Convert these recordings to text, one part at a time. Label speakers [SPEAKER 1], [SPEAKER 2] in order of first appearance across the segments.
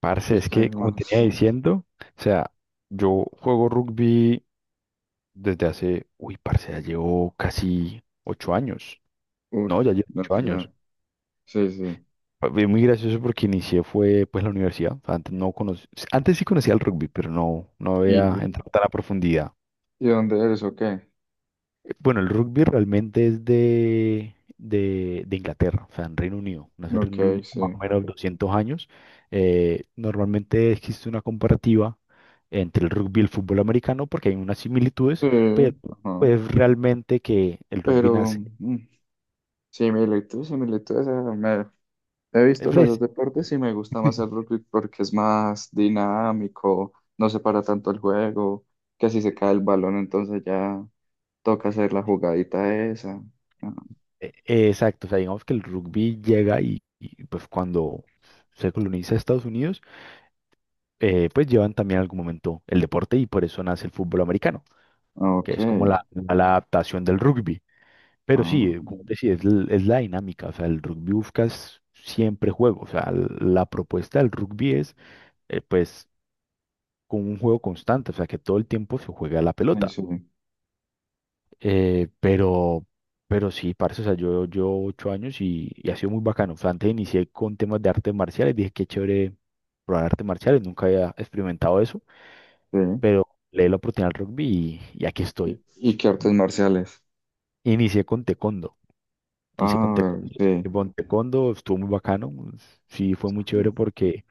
[SPEAKER 1] Parce,
[SPEAKER 2] ¿Y
[SPEAKER 1] es
[SPEAKER 2] qué
[SPEAKER 1] que, como tenía
[SPEAKER 2] más?
[SPEAKER 1] diciendo, o sea, yo juego rugby desde hace, uy, parce, ya llevo casi 8 años.
[SPEAKER 2] Uff
[SPEAKER 1] No, ya llevo
[SPEAKER 2] No
[SPEAKER 1] ocho
[SPEAKER 2] sé
[SPEAKER 1] años.
[SPEAKER 2] ya. Sí, sí.
[SPEAKER 1] Fue muy gracioso porque inicié fue, pues, la universidad. O sea, antes no conoc- antes sí conocía el rugby, pero no
[SPEAKER 2] ¿Y,
[SPEAKER 1] había
[SPEAKER 2] y,
[SPEAKER 1] entrado tan a profundidad.
[SPEAKER 2] y dónde eres o qué?
[SPEAKER 1] Bueno, el rugby realmente es de Inglaterra, o sea, en Reino Unido. Nace en
[SPEAKER 2] Ok,
[SPEAKER 1] Reino Unido más o
[SPEAKER 2] sí.
[SPEAKER 1] menos 200 años. Normalmente existe una comparativa entre el rugby y el fútbol americano porque hay unas similitudes,
[SPEAKER 2] Sí,
[SPEAKER 1] pero
[SPEAKER 2] ajá.
[SPEAKER 1] pues realmente que el rugby
[SPEAKER 2] Pero
[SPEAKER 1] nace.
[SPEAKER 2] mm, similitudes. me- He
[SPEAKER 1] eh,
[SPEAKER 2] visto los
[SPEAKER 1] pues,
[SPEAKER 2] dos deportes y me gusta más el rugby porque es más dinámico, no se para tanto el juego, que si se cae el balón entonces ya toca hacer la jugadita esa.
[SPEAKER 1] exacto, o sea, digamos que el rugby llega y, pues cuando se coloniza Estados Unidos, pues llevan también en algún momento el deporte y por eso nace el fútbol americano,
[SPEAKER 2] Ah,
[SPEAKER 1] que
[SPEAKER 2] ok.
[SPEAKER 1] es como la adaptación del rugby. Pero sí,
[SPEAKER 2] Ah,
[SPEAKER 1] como te decía, es la dinámica, o sea, el rugby buscas siempre juego, o sea, la propuesta del rugby es, eh, pues, con un juego constante, o sea, que todo el tiempo se juega la
[SPEAKER 2] sí,
[SPEAKER 1] pelota.
[SPEAKER 2] sí,
[SPEAKER 1] Eh, pero, pero sí, parce, o sea, yo 8 años y ha sido muy bacano, o sea, antes inicié con temas de artes marciales, dije qué chévere probar artes marciales, nunca había experimentado eso,
[SPEAKER 2] sí.
[SPEAKER 1] pero le di la oportunidad al rugby y aquí estoy.
[SPEAKER 2] Y qué artes marciales?
[SPEAKER 1] Inicié con taekwondo. Hice
[SPEAKER 2] Ah, sí.
[SPEAKER 1] con taekwondo estuvo muy bacano, sí fue muy
[SPEAKER 2] Ujú,
[SPEAKER 1] chévere porque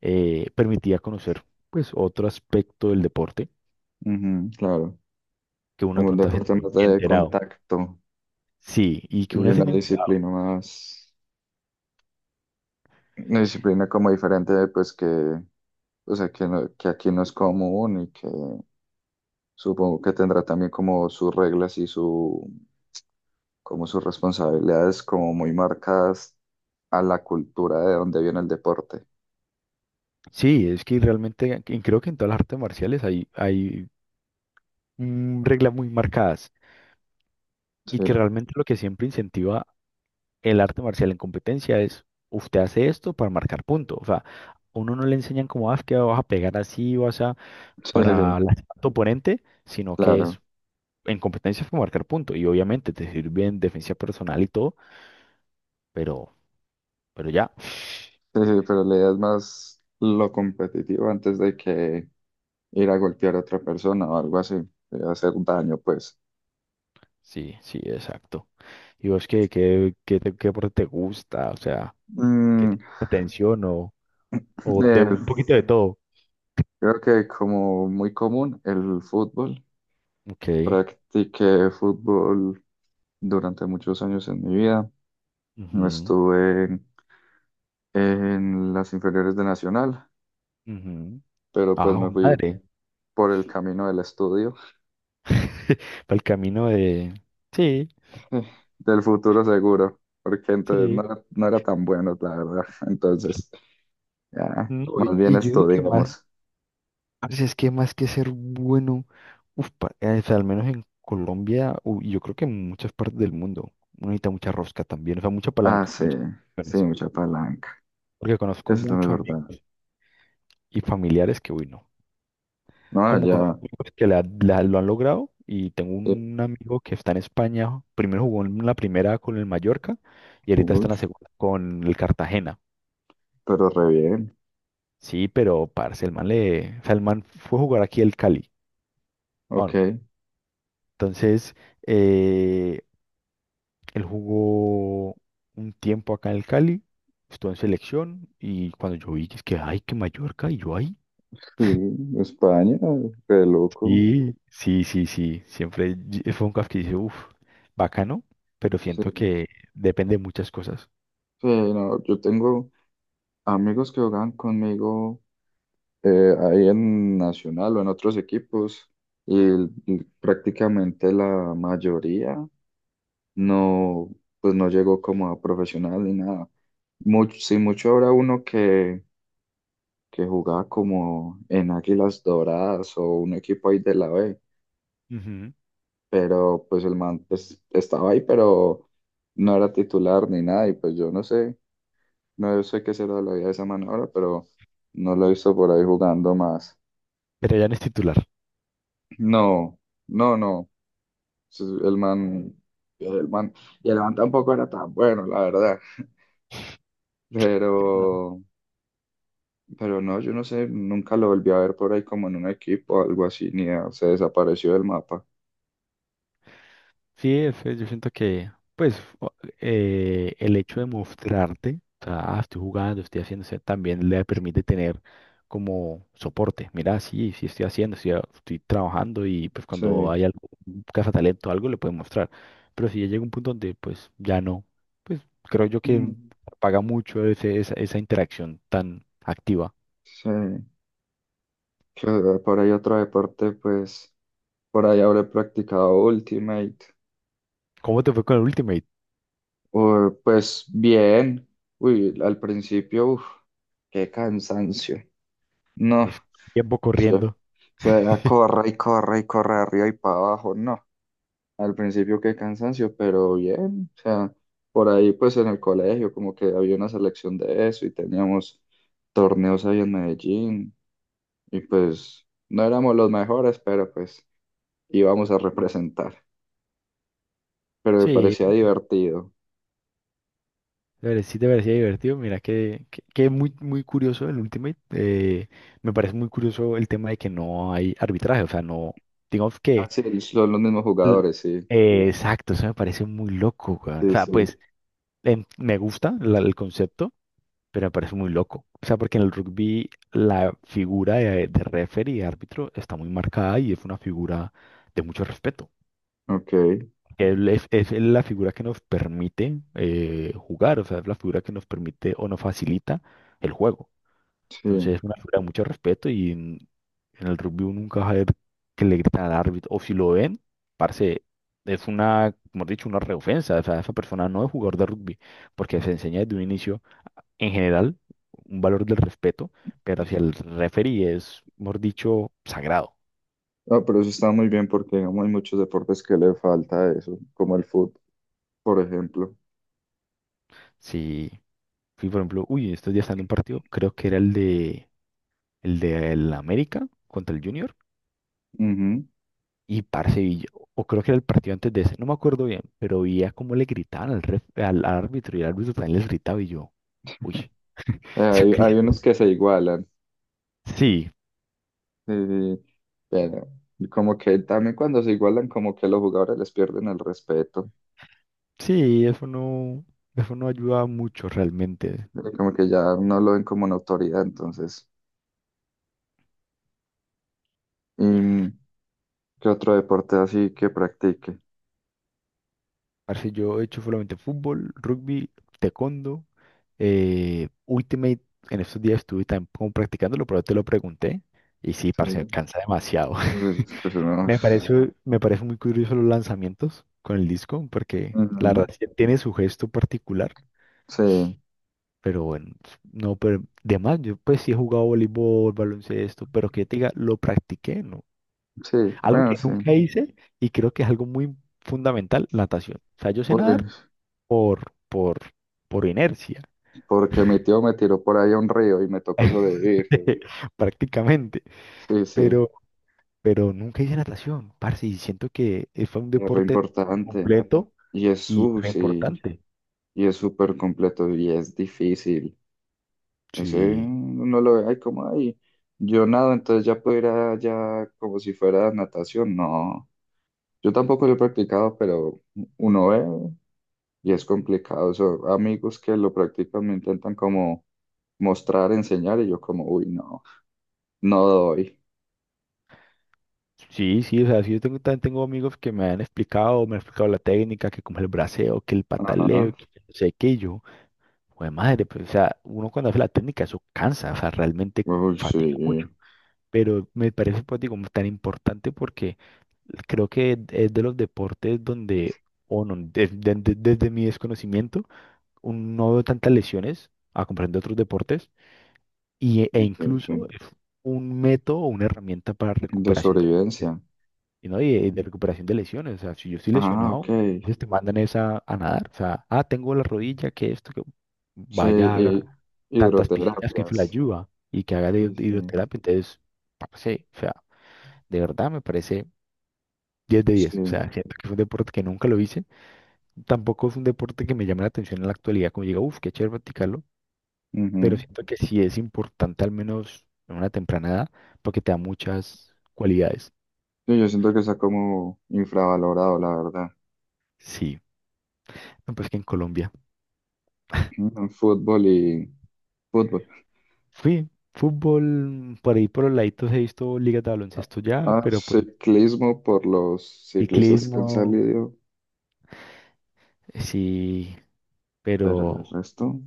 [SPEAKER 1] permitía conocer pues otro aspecto del deporte
[SPEAKER 2] claro,
[SPEAKER 1] que uno de
[SPEAKER 2] como un
[SPEAKER 1] pronto
[SPEAKER 2] deporte más de
[SPEAKER 1] enterado.
[SPEAKER 2] contacto
[SPEAKER 1] Sí, y que
[SPEAKER 2] y
[SPEAKER 1] uno se
[SPEAKER 2] una
[SPEAKER 1] enterado.
[SPEAKER 2] disciplina más, una disciplina como diferente, pues que, o sea, que, no- que aquí no es común y que supongo que tendrá también como sus reglas y su, como sus responsabilidades como muy marcadas a la cultura de donde viene el deporte.
[SPEAKER 1] Sí, es que realmente creo que en todas las artes marciales hay reglas muy marcadas y que
[SPEAKER 2] Sí,
[SPEAKER 1] realmente lo que siempre incentiva el arte marcial en competencia es usted hace esto para marcar punto. O sea, a uno no le enseñan como, ah, es que vas a pegar así, vas a
[SPEAKER 2] sí, sí,
[SPEAKER 1] para lastimar a tu oponente, sino que
[SPEAKER 2] claro.
[SPEAKER 1] es en competencia fue marcar punto. Y obviamente te sirve en defensa personal y todo, pero, pero ya.
[SPEAKER 2] Sí, sí, pero la idea es más lo competitivo antes de que ir a golpear a otra persona o algo así, hacer daño, pues.
[SPEAKER 1] Sí, sí, exacto. ¿Y vos qué, qué deporte te gusta? O sea, ¿qué te
[SPEAKER 2] Mm,
[SPEAKER 1] llama la atención o de un
[SPEAKER 2] el-
[SPEAKER 1] poquito de todo?
[SPEAKER 2] Creo que como muy común el fútbol.
[SPEAKER 1] Ok.
[SPEAKER 2] Practiqué fútbol durante muchos años en mi vida. No
[SPEAKER 1] Ujú,
[SPEAKER 2] Estuve En las inferiores de Nacional,
[SPEAKER 1] ujú.
[SPEAKER 2] pero pues
[SPEAKER 1] Ah,
[SPEAKER 2] me
[SPEAKER 1] jue
[SPEAKER 2] fui
[SPEAKER 1] madre.
[SPEAKER 2] por el camino del estudio,
[SPEAKER 1] Para el camino de... Sí,
[SPEAKER 2] eh, del futuro seguro, porque
[SPEAKER 1] sí.
[SPEAKER 2] no era tan bueno, la verdad. Entonces, ya,
[SPEAKER 1] No,
[SPEAKER 2] más bien
[SPEAKER 1] y yo digo que más
[SPEAKER 2] estudiamos.
[SPEAKER 1] Parce, es que más que ser bueno, o sea, al menos en Colombia, y yo creo que en muchas partes del mundo, uno necesita mucha rosca también, o sea, mucha
[SPEAKER 2] Ah,
[SPEAKER 1] palanca,
[SPEAKER 2] sí,
[SPEAKER 1] muchas
[SPEAKER 2] sí,
[SPEAKER 1] opciones.
[SPEAKER 2] mucha palanca.
[SPEAKER 1] Porque conozco
[SPEAKER 2] Eso
[SPEAKER 1] muchos
[SPEAKER 2] también es verdad.
[SPEAKER 1] amigos y familiares que, uy, no.
[SPEAKER 2] No,
[SPEAKER 1] Como conozco
[SPEAKER 2] ya.
[SPEAKER 1] amigos que lo han logrado, y tengo
[SPEAKER 2] eh,
[SPEAKER 1] un amigo que está en España, primero jugó en la primera con el Mallorca, y ahorita está
[SPEAKER 2] uy,
[SPEAKER 1] en la segunda con el Cartagena.
[SPEAKER 2] pero re bien.
[SPEAKER 1] Sí, pero, parce, el man le, o sea, el man fue a jugar aquí el Cali. Ah,
[SPEAKER 2] Ok.
[SPEAKER 1] no. Entonces. eh, Él jugó un tiempo acá en el Cali, estuvo en selección y cuando yo vi que es que, ay, que Mallorca, y yo, ahí
[SPEAKER 2] Sí, España, re loco.
[SPEAKER 1] sí, sí, sí, sí. Fue un caf que dice, uff, bacano, pero
[SPEAKER 2] Sí.
[SPEAKER 1] siento que depende de muchas cosas.
[SPEAKER 2] Sí, no, yo tengo amigos que juegan conmigo ahí en Nacional o en otros equipos y prácticamente la mayoría no, pues no llegó como a profesional ni nada. Mucho habrá uno que jugaba como en Águilas Doradas o un equipo ahí de la B,
[SPEAKER 1] Ujú.
[SPEAKER 2] pero pues el man pues, estaba ahí, pero no era titular ni nada, y pues yo no sé, no sé qué será la vida de esa man ahora, pero no lo he visto por ahí jugando más.
[SPEAKER 1] Pero ya no es titular.
[SPEAKER 2] No, no, no, sí, el man, y el man tampoco era tan bueno, la verdad, pero, pero no, yo no sé, nunca lo volví a ver por ahí como en un equipo o algo así, ni a- se desapareció del mapa,
[SPEAKER 1] Sí, yo siento que, pues, el hecho de mostrarte, o sea, ah, estoy jugando, estoy haciendo, o sea, también le permite tener como soporte. Mira, sí, sí estoy haciendo, estoy trabajando y pues cuando
[SPEAKER 2] sí.
[SPEAKER 1] hay algo, un cazatalento o algo, le pueden mostrar. Pero si ya llega un punto donde, pues, ya no, pues, creo yo que
[SPEAKER 2] Mm.
[SPEAKER 1] paga mucho esa interacción tan activa.
[SPEAKER 2] Sí, que por ahí otro deporte, pues. Por ahí habré practicado Ultimate.
[SPEAKER 1] ¿Cómo te fue con el Ultimate?
[SPEAKER 2] O, pues bien. Uy, al principio, uff, Qué cansancio. No,
[SPEAKER 1] Pues, tiempo
[SPEAKER 2] eso,
[SPEAKER 1] corriendo.
[SPEAKER 2] eso era corre y corre y corre arriba y para abajo. No, al principio qué cansancio, pero bien. O sea, por ahí pues en el colegio como que había una selección de eso y teníamos torneos ahí en Medellín. Y pues no éramos los mejores, pero pues íbamos a representar. Pero me
[SPEAKER 1] Sí,
[SPEAKER 2] parecía divertido.
[SPEAKER 1] la verdad sí te parecía divertido. Mira que muy, muy curioso el Ultimate. Me parece muy curioso el tema de que no hay arbitraje. O sea, no, digamos
[SPEAKER 2] Ah,
[SPEAKER 1] que...
[SPEAKER 2] sí, son los mismos
[SPEAKER 1] l-
[SPEAKER 2] jugadores, sí,
[SPEAKER 1] exacto, eso me parece muy loco, weón. O
[SPEAKER 2] sí,
[SPEAKER 1] sea, pues
[SPEAKER 2] sí,
[SPEAKER 1] me gusta el concepto. Pero me parece muy loco. O sea, porque en el rugby la figura de referee y árbitro está muy marcada y es una figura de mucho respeto.
[SPEAKER 2] ok,
[SPEAKER 1] Él es la figura que nos permite jugar, o sea, es la figura que nos permite o nos facilita el juego.
[SPEAKER 2] sí.
[SPEAKER 1] Entonces es una figura de mucho respeto en el rugby uno nunca va a ver que le gritan al árbitro. O si lo ven, parce, es una, como he dicho, una reofensa. O sea, esa persona no es jugador de rugby porque se enseña desde un inicio en general, un valor del respeto, pero hacia el referee es, mejor dicho, sagrado.
[SPEAKER 2] Ah, pero eso está muy bien porque digamos, hay muchos deportes que le falta eso, como el fútbol, por ejemplo.
[SPEAKER 1] Si fui, por ejemplo, uy, estos días estando en un partido, creo que era el de el América contra el Junior
[SPEAKER 2] Ujú.
[SPEAKER 1] y parce, o creo que era el partido antes de ese, no me acuerdo bien, pero veía cómo le gritaban al árbitro y el árbitro también les gritaba y yo, uy, yo
[SPEAKER 2] Hay, hay
[SPEAKER 1] cre-
[SPEAKER 2] unos que se igualan,
[SPEAKER 1] sí,
[SPEAKER 2] sí, sí, pero como que también cuando se igualan, como que los jugadores les pierden el respeto,
[SPEAKER 1] sí, eso no ayuda mucho realmente.
[SPEAKER 2] como que ya no lo ven como una autoridad, entonces. ¿Y qué otro deporte así que practique?
[SPEAKER 1] Parce, yo he hecho solamente fútbol, rugby, taekwondo, Ultimate. En estos días estuve también como practicándolo, pero te lo pregunté. Y sí,
[SPEAKER 2] Sí,
[SPEAKER 1] parce, cansa demasiado.
[SPEAKER 2] unos-
[SPEAKER 1] Me parece muy curioso los lanzamientos con el disco, porque la
[SPEAKER 2] ujú,
[SPEAKER 1] verdad sí tiene su gesto particular,
[SPEAKER 2] sí,
[SPEAKER 1] pero bueno, no, pero de más, yo pues sí he jugado voleibol, baloncesto, pero que te diga, lo practiqué, ¿no?
[SPEAKER 2] sí,
[SPEAKER 1] Algo
[SPEAKER 2] bueno,
[SPEAKER 1] que
[SPEAKER 2] sí.
[SPEAKER 1] nunca hice y creo que es algo muy fundamental, natación. O sea, yo sé nadar
[SPEAKER 2] Oye.
[SPEAKER 1] por, por, por inercia,
[SPEAKER 2] Porque mi tío me tiró por ahí a un río y me tocó sobrevivir.
[SPEAKER 1] prácticamente.
[SPEAKER 2] Sí, sí,
[SPEAKER 1] Pero, pero nunca hice natación, parce, y siento que fue un
[SPEAKER 2] es re
[SPEAKER 1] deporte
[SPEAKER 2] importante.
[SPEAKER 1] completo
[SPEAKER 2] Y es
[SPEAKER 1] y re
[SPEAKER 2] sushi,
[SPEAKER 1] importante.
[SPEAKER 2] y es súper completo y es difícil. Ese
[SPEAKER 1] Sí.
[SPEAKER 2] no lo ve ahí como ahí. Yo nado, entonces ya puedo ir allá como si fuera natación. No, yo tampoco lo he practicado, pero uno ve y es complicado. Son amigos que lo practican me intentan como mostrar, enseñar y yo como, uy, no, no doy.
[SPEAKER 1] Sí, sí, o sea, sí, yo tengo, tengo amigos que me han explicado la técnica, que como el braceo, que el pataleo,
[SPEAKER 2] Ajá.
[SPEAKER 1] que no sé qué, y yo, pues madre, pues, o sea, uno cuando hace la técnica, eso cansa, o sea, realmente
[SPEAKER 2] Uy, sí,
[SPEAKER 1] fatiga mucho, pero me parece, pues, digo, tan importante. Creo que es de los deportes donde, o no, desde mi desconocimiento, no veo tantas lesiones a comparación de otros deportes e
[SPEAKER 2] ok, sí.
[SPEAKER 1] incluso es un método o una herramienta para
[SPEAKER 2] De
[SPEAKER 1] recuperación de
[SPEAKER 2] sobrevivencia.
[SPEAKER 1] lesiones, y ¿no? Y, de recuperación de lesiones. O sea, si yo estoy
[SPEAKER 2] Ah,
[SPEAKER 1] lesionado,
[SPEAKER 2] ok.
[SPEAKER 1] pues te mandan esa a nadar. O sea, ah, tengo la rodilla, que esto, que
[SPEAKER 2] Sí,
[SPEAKER 1] vaya,
[SPEAKER 2] y-
[SPEAKER 1] haga tantas piscinas que eso le
[SPEAKER 2] Hidroterapias.
[SPEAKER 1] ayuda y que haga
[SPEAKER 2] Sí,
[SPEAKER 1] de
[SPEAKER 2] sí,
[SPEAKER 1] hidroterapia. Entonces, parce, o sea, de verdad me parece 10 de 10. O
[SPEAKER 2] sí.
[SPEAKER 1] sea, siento que es un deporte que nunca lo hice. Tampoco es un deporte que me llame la atención en la actualidad, como diga, uff, qué chévere practicarlo. Pero
[SPEAKER 2] Ujú.
[SPEAKER 1] siento que sí es importante, al menos en una temprana edad, porque te da muchas cualidades.
[SPEAKER 2] Sí, yo siento que está como infravalorado, la verdad.
[SPEAKER 1] Sí, no, pues que en Colombia.
[SPEAKER 2] Fútbol y fútbol.
[SPEAKER 1] Fui fútbol, por ahí por los laditos he visto ligas de baloncesto ya,
[SPEAKER 2] Ah,
[SPEAKER 1] pero pues
[SPEAKER 2] ciclismo por los ciclistas que
[SPEAKER 1] ciclismo,
[SPEAKER 2] han salido,
[SPEAKER 1] sí,
[SPEAKER 2] pero el
[SPEAKER 1] pero
[SPEAKER 2] resto.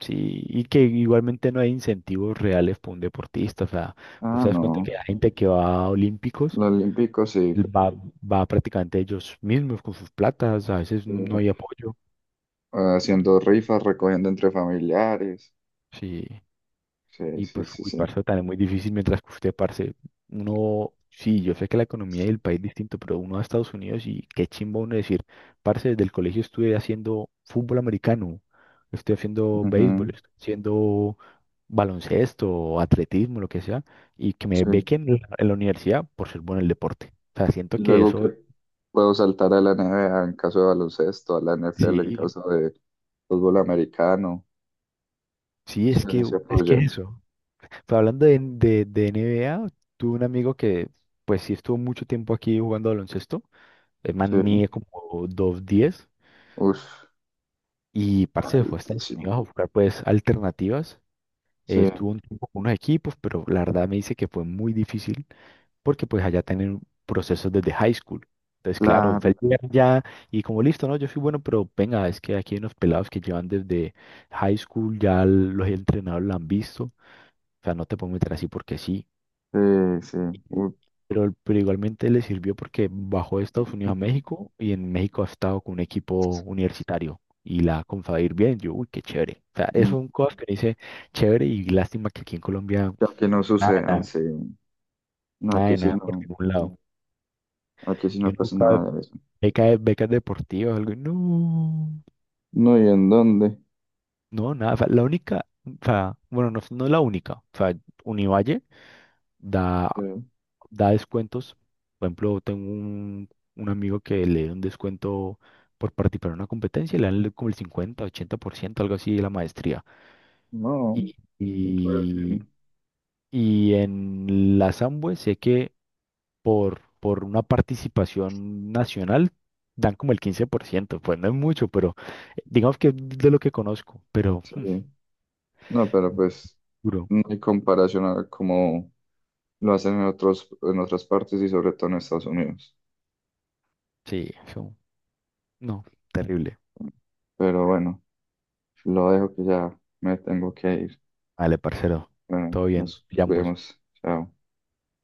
[SPEAKER 1] sí, y que igualmente no hay incentivos reales para un deportista. O sea, vos
[SPEAKER 2] Ah,
[SPEAKER 1] te das cuenta
[SPEAKER 2] no.
[SPEAKER 1] que hay gente que va a olímpicos
[SPEAKER 2] Los olímpicos sí.
[SPEAKER 1] va, va prácticamente ellos mismos con sus platas, a veces no
[SPEAKER 2] Eh,
[SPEAKER 1] hay apoyo,
[SPEAKER 2] Haciendo rifas, recogiendo entre familiares.
[SPEAKER 1] sí,
[SPEAKER 2] Sí,
[SPEAKER 1] y
[SPEAKER 2] sí,
[SPEAKER 1] pues,
[SPEAKER 2] sí,
[SPEAKER 1] uy,
[SPEAKER 2] sí.
[SPEAKER 1] parce, también muy difícil mientras que usted, parce, uno, sí, yo sé que la economía del país es distinto, pero uno va a Estados Unidos y qué chimba uno decir, parce, desde el colegio estuve haciendo fútbol americano, estoy haciendo béisbol,
[SPEAKER 2] Ujú.
[SPEAKER 1] estoy haciendo baloncesto, atletismo, lo que sea, y que me
[SPEAKER 2] Sí.
[SPEAKER 1] bequen en la universidad por ser bueno en el deporte. O sea, siento que
[SPEAKER 2] Luego que
[SPEAKER 1] eso,
[SPEAKER 2] puedo saltar a la NBA en caso de baloncesto, a la NFL en
[SPEAKER 1] sí,
[SPEAKER 2] caso de fútbol americano.
[SPEAKER 1] sí,
[SPEAKER 2] Sí,
[SPEAKER 1] es
[SPEAKER 2] ellos
[SPEAKER 1] que,
[SPEAKER 2] se
[SPEAKER 1] es que es
[SPEAKER 2] apoyan.
[SPEAKER 1] eso. Pero hablando de NBA, tuve un amigo que, pues sí, estuvo mucho tiempo aquí jugando baloncesto. El
[SPEAKER 2] Sí,
[SPEAKER 1] man mide como 2.10
[SPEAKER 2] uff,
[SPEAKER 1] y parce se fue a Estados
[SPEAKER 2] altísimo.
[SPEAKER 1] Unidos a buscar, pues, alternativas.
[SPEAKER 2] Sí,
[SPEAKER 1] Estuvo un tiempo con unos equipos, pero la verdad me dice que fue muy difícil porque, pues, allá tienen procesos desde high school. Entonces, claro, fue el
[SPEAKER 2] claro.
[SPEAKER 1] primer ya y como listo, ¿no? Yo soy bueno, pero venga, es que aquí hay unos pelados que llevan desde high school, ya los entrenadores lo han visto. O sea, no te puedo meter así porque sí.
[SPEAKER 2] Sí, sí.
[SPEAKER 1] Sí.
[SPEAKER 2] Uf,
[SPEAKER 1] Pero igualmente le sirvió porque bajó de Estados Unidos a México y en México ha estado con un equipo universitario y la ha comenzado ir bien. Yo, uy, qué chévere. O sea, es
[SPEAKER 2] mm,
[SPEAKER 1] un cosas que dice chévere y lástima que aquí en Colombia
[SPEAKER 2] Ya que no sucedan,
[SPEAKER 1] nada.
[SPEAKER 2] sí. No,
[SPEAKER 1] Nada
[SPEAKER 2] aquí
[SPEAKER 1] de
[SPEAKER 2] sí
[SPEAKER 1] nada por
[SPEAKER 2] no,
[SPEAKER 1] ningún lado.
[SPEAKER 2] aquí sí
[SPEAKER 1] Yo
[SPEAKER 2] no pasa
[SPEAKER 1] nunca
[SPEAKER 2] nada de eso.
[SPEAKER 1] becas deportivas, algo, y no,
[SPEAKER 2] No, ¿y en dónde?
[SPEAKER 1] no, nada. O sea, la única, o sea, bueno, no, no es la única. O sea, Univalle da
[SPEAKER 2] Sí,
[SPEAKER 1] da descuentos. Por ejemplo, tengo un amigo que le dio un descuento por participar en una competencia y le dan como el 50, 80%, algo así de la maestría.
[SPEAKER 2] no,
[SPEAKER 1] Y,
[SPEAKER 2] pues,
[SPEAKER 1] y, y en la Samhue sé que por una participación nacional dan como el 15%, pues no es mucho, pero digamos que es de lo que conozco, pero
[SPEAKER 2] sí.
[SPEAKER 1] hmm,
[SPEAKER 2] No, pero pues
[SPEAKER 1] duro.
[SPEAKER 2] no hay comparación a cómo lo hacen en otros, en otras partes y sobre todo en Estados Unidos.
[SPEAKER 1] Sí, eso, no, terrible.
[SPEAKER 2] Pero bueno, lo dejo que ya me tengo que ir.
[SPEAKER 1] Vale, parcero,
[SPEAKER 2] Bueno,
[SPEAKER 1] todo bien,
[SPEAKER 2] nos
[SPEAKER 1] te llamo.
[SPEAKER 2] vemos. Chao.